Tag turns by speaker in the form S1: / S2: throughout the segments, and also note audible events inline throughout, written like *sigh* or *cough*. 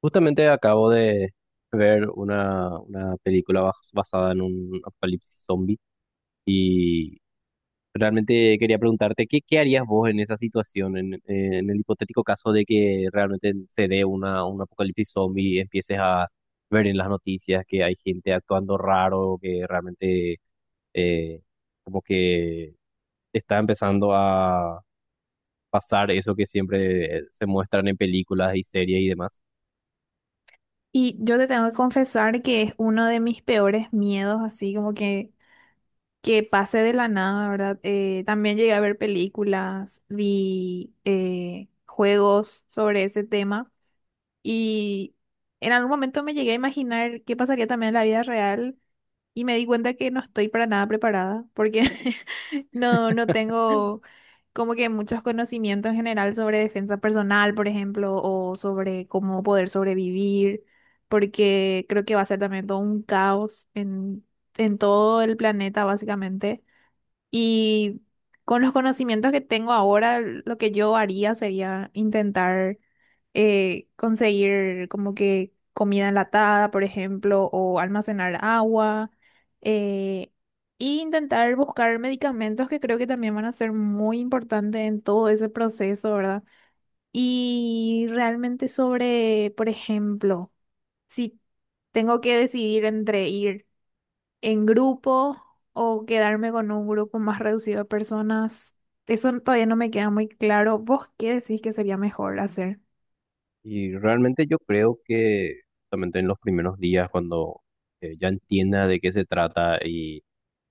S1: Justamente acabo de ver una película basada en un apocalipsis zombie y realmente quería preguntarte, ¿qué harías vos en esa situación, en el hipotético caso de que realmente se dé un apocalipsis zombie y empieces a ver en las noticias que hay gente actuando raro, que realmente eh, como que está empezando a pasar eso que siempre se muestran en películas y series y demás?
S2: Y yo te tengo que confesar que es uno de mis peores miedos, así como que pase de la nada, ¿verdad? También llegué a ver películas, vi juegos sobre ese tema y en algún momento me llegué a imaginar qué pasaría también en la vida real, y me di cuenta que no estoy para nada preparada porque *laughs* no, no tengo como que muchos conocimientos en general sobre defensa personal, por ejemplo, o sobre cómo poder sobrevivir, porque creo que va a ser también todo un caos en todo el planeta, básicamente. Y con los conocimientos que tengo ahora, lo que yo haría sería intentar conseguir como que comida enlatada, por ejemplo, o almacenar agua, eh, y intentar buscar medicamentos que creo que también van a ser muy importantes en todo ese proceso, ¿verdad? Y realmente sobre, por ejemplo, si tengo que decidir entre ir en grupo o quedarme con un grupo más reducido de personas. Eso todavía no me queda muy claro. ¿Vos qué decís que sería mejor hacer?
S1: Y realmente yo creo que justamente en los primeros días, cuando ya entienda de qué se trata y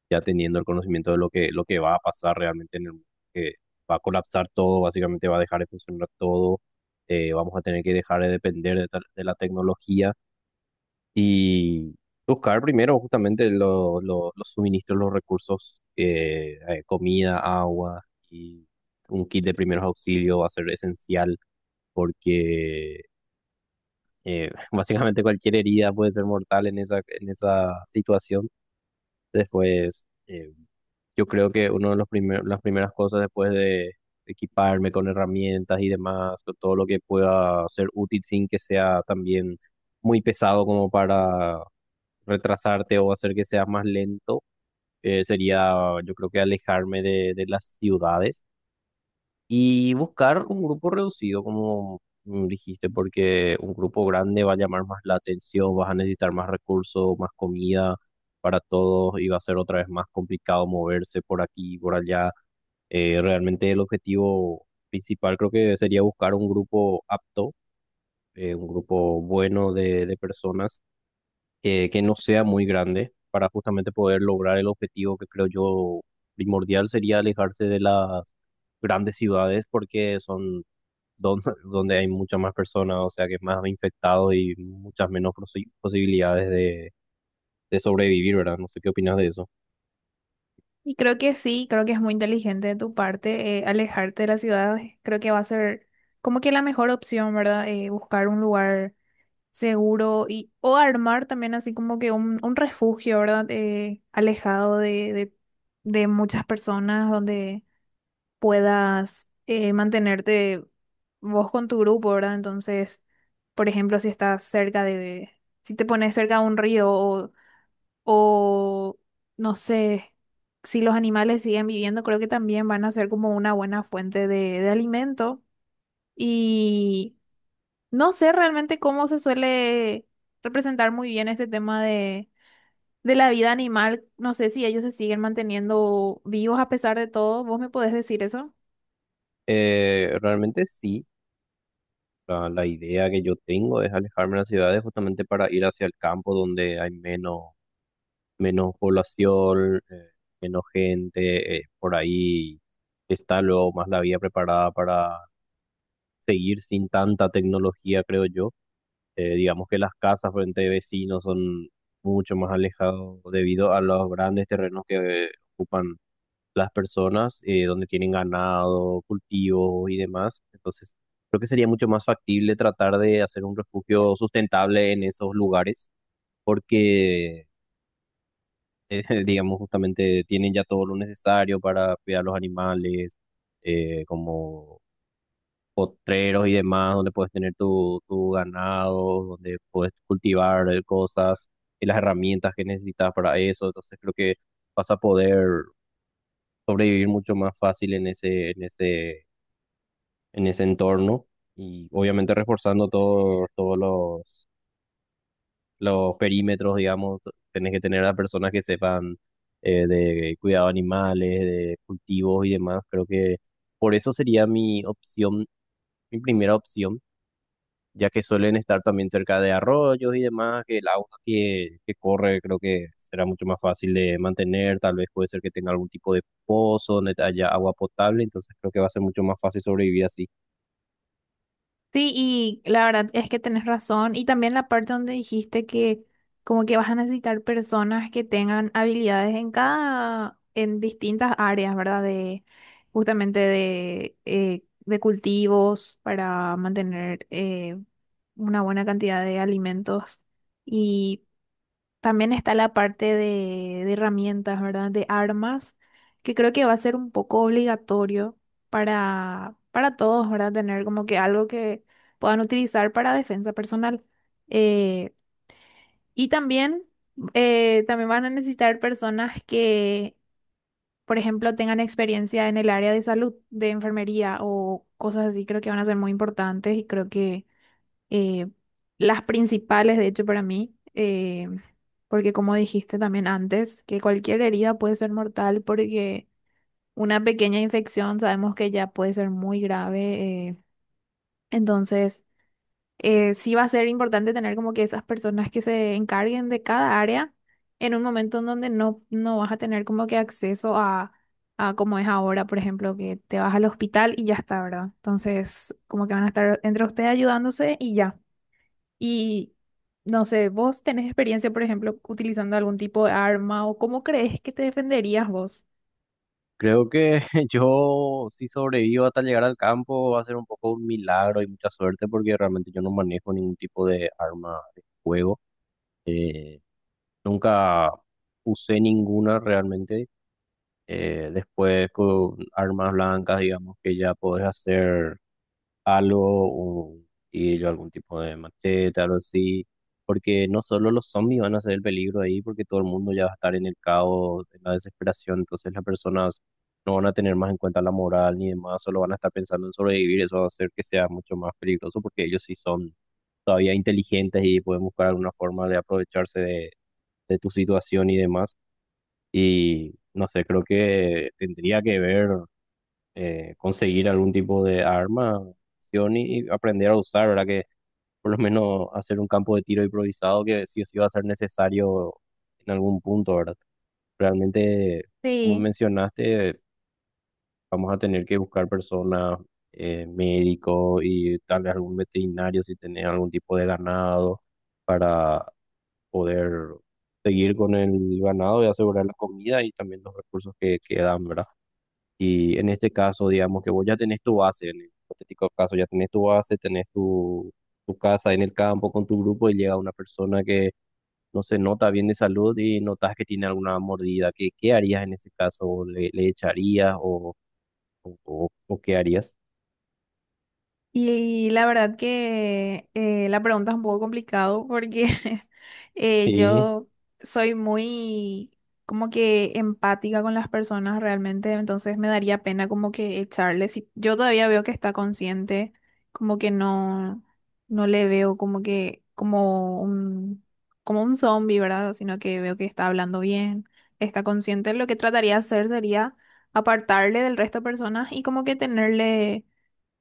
S1: ya teniendo el conocimiento de lo que va a pasar realmente en el mundo, que va a colapsar todo, básicamente va a dejar de funcionar todo, vamos a tener que dejar de depender de la tecnología y buscar primero justamente los suministros, los recursos, comida, agua y un kit de primeros auxilios va a ser esencial porque *laughs* básicamente cualquier herida puede ser mortal en en esa situación. Después, yo creo que una de los las primeras cosas después de equiparme con herramientas y demás, con todo lo que pueda ser útil sin que sea también muy pesado como para retrasarte o hacer que seas más lento, sería yo creo que alejarme de las ciudades y buscar un grupo reducido, como dijiste, porque un grupo grande va a llamar más la atención, vas a necesitar más recursos, más comida para todos y va a ser otra vez más complicado moverse por aquí y por allá. Realmente el objetivo principal creo que sería buscar un grupo apto, un grupo bueno de personas que no sea muy grande para justamente poder lograr el objetivo que creo yo primordial sería alejarse de las grandes ciudades porque son *laughs* donde, hay muchas más personas, o sea que es más infectados y muchas menos posibilidades de sobrevivir, ¿verdad? No sé qué opinas de eso.
S2: Y creo que sí, creo que es muy inteligente de tu parte alejarte de la ciudad. Creo que va a ser como que la mejor opción, ¿verdad? Buscar un lugar seguro, y o armar también así como que un refugio, ¿verdad? Alejado de muchas personas donde puedas mantenerte vos con tu grupo, ¿verdad? Entonces, por ejemplo, si estás cerca de, si te pones cerca de un río o no sé, si los animales siguen viviendo, creo que también van a ser como una buena fuente de alimento. Y no sé realmente cómo se suele representar muy bien este tema de la vida animal. No sé si ellos se siguen manteniendo vivos a pesar de todo. ¿Vos me podés decir eso?
S1: Realmente sí, la idea que yo tengo es alejarme de las ciudades justamente para ir hacia el campo donde hay menos población, menos gente, por ahí está luego más la vía preparada para seguir sin tanta tecnología, creo yo. Digamos que las casas frente a vecinos son mucho más alejados debido a los grandes terrenos que ocupan las personas, donde tienen ganado, cultivos y demás. Entonces, creo que sería mucho más factible tratar de hacer un refugio sustentable en esos lugares, porque *laughs* digamos, justamente tienen ya todo lo necesario para cuidar los animales, como potreros y demás, donde puedes tener tu ganado, donde puedes cultivar cosas y las herramientas que necesitas para eso. Entonces creo que vas a poder sobrevivir mucho más fácil en en ese entorno y obviamente reforzando todos los perímetros, digamos, tenés que tener a personas que sepan de cuidado de animales, de cultivos y demás. Creo que por eso sería mi opción, mi primera opción, ya que suelen estar también cerca de arroyos y demás, que el agua que corre creo que será mucho más fácil de mantener, tal vez puede ser que tenga algún tipo de pozo donde haya agua potable, entonces creo que va a ser mucho más fácil sobrevivir así.
S2: Sí, y la verdad es que tenés razón. Y también la parte donde dijiste que como que vas a necesitar personas que tengan habilidades en cada, en distintas áreas, ¿verdad? De justamente de cultivos para mantener una buena cantidad de alimentos. Y también está la parte de herramientas, ¿verdad? De armas, que creo que va a ser un poco obligatorio para todos, ¿verdad? Tener como que algo que puedan utilizar para defensa personal. Eh, y también, también van a necesitar personas que, por ejemplo, tengan experiencia en el área de salud, de enfermería o cosas así. Creo que van a ser muy importantes y creo que eh, las principales, de hecho, para mí, porque como dijiste también antes, que cualquier herida puede ser mortal porque una pequeña infección sabemos que ya puede ser muy grave. Entonces, sí va a ser importante tener como que esas personas que se encarguen de cada área en un momento en donde no, no vas a tener como que acceso a como es ahora, por ejemplo, que te vas al hospital y ya está, ¿verdad? Entonces, como que van a estar entre ustedes ayudándose y ya. Y no sé, ¿vos tenés experiencia, por ejemplo, utilizando algún tipo de arma o cómo crees que te defenderías vos?
S1: Creo que *laughs* yo, si sobrevivo hasta llegar al campo, va a ser un poco un milagro y mucha suerte porque realmente yo no manejo ningún tipo de arma de fuego. Eh, Nunca usé ninguna realmente. Después con armas blancas, digamos que ya podés hacer algo, un cuchillo, algún tipo de machete, algo así, porque no solo los zombies van a ser el peligro ahí, porque todo el mundo ya va a estar en el caos, en la desesperación, entonces las personas no van a tener más en cuenta la moral ni demás, solo van a estar pensando en sobrevivir, eso va a hacer que sea mucho más peligroso, porque ellos sí son todavía inteligentes y pueden buscar alguna forma de aprovecharse de tu situación y demás, y no sé, creo que tendría que ver conseguir algún tipo de arma acción y aprender a usar, ¿verdad? Que por lo menos hacer un campo de tiro improvisado que sí o sí va a ser necesario en algún punto, ¿verdad? Realmente, como
S2: Sí.
S1: mencionaste, vamos a tener que buscar personas, médicos y tal vez algún veterinario si tenés algún tipo de ganado para poder seguir con el ganado y asegurar la comida y también los recursos que quedan, ¿verdad? Y en este caso, digamos que vos ya tenés tu base, en el hipotético caso, ya tenés tu base, tenés tu casa en el campo con tu grupo y llega una persona que no se nota bien de salud y notas que tiene alguna mordida. ¿Qué harías en ese caso? ¿O le echarías o qué harías?
S2: Y la verdad que la pregunta es un poco complicado porque *laughs*
S1: Sí.
S2: yo soy muy como que empática con las personas realmente, entonces me daría pena como que echarle. Si yo todavía veo que está consciente, como que no, no le veo como que como un zombie, ¿verdad? Sino que veo que está hablando bien, está consciente. Lo que trataría de hacer sería apartarle del resto de personas y como que tenerle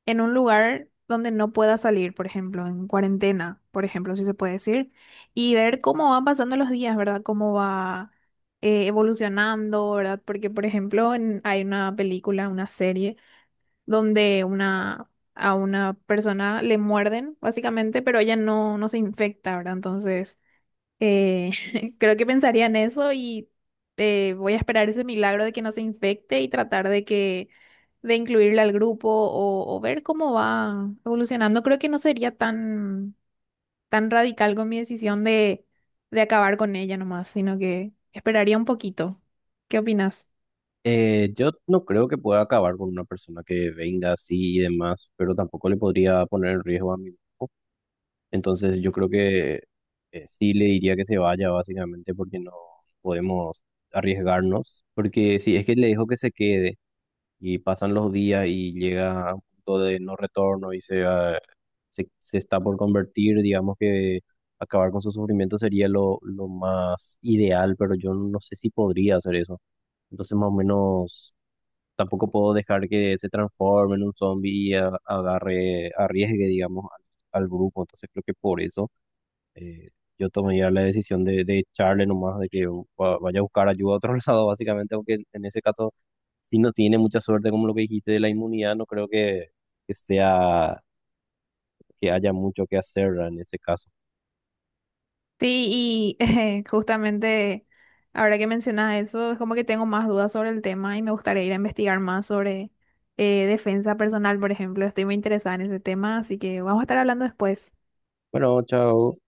S2: en un lugar donde no pueda salir, por ejemplo, en cuarentena, por ejemplo, si se puede decir, y ver cómo van pasando los días, ¿verdad? Cómo va evolucionando, ¿verdad? Porque, por ejemplo, hay una película, una serie, donde una, a una persona le muerden, básicamente, pero ella no, no se infecta, ¿verdad? Entonces... Eh, *laughs* creo que pensaría en eso y voy a esperar ese milagro de que no se infecte y tratar de que de incluirle al grupo o ver cómo va evolucionando. Creo que no sería tan tan radical con mi decisión de acabar con ella nomás, sino que esperaría un poquito. ¿Qué opinas?
S1: Yo no creo que pueda acabar con una persona que venga así y demás, pero tampoco le podría poner en riesgo a mi grupo. Entonces yo creo que sí le diría que se vaya básicamente porque no podemos arriesgarnos, porque si es que le dejo que se quede y pasan los días y llega a un punto de no retorno y se está por convertir, digamos que acabar con su sufrimiento sería lo más ideal, pero yo no sé si podría hacer eso. Entonces más o menos tampoco puedo dejar que se transforme en un zombie y agarre, arriesgue, digamos, al grupo. Entonces creo que por eso eh, yo tomé ya la decisión de echarle nomás, de que vaya a buscar ayuda a otro *laughs* lado, básicamente, aunque en ese caso, si no tiene mucha suerte, como lo que dijiste de la inmunidad, no creo que sea, que haya mucho que hacer en ese caso.
S2: Sí, y *laughs* justamente ahora que mencionas eso, es como que tengo más dudas sobre el tema y me gustaría ir a investigar más sobre defensa personal, por ejemplo. Estoy muy interesada en ese tema, así que vamos a estar hablando después.
S1: Bueno, chao.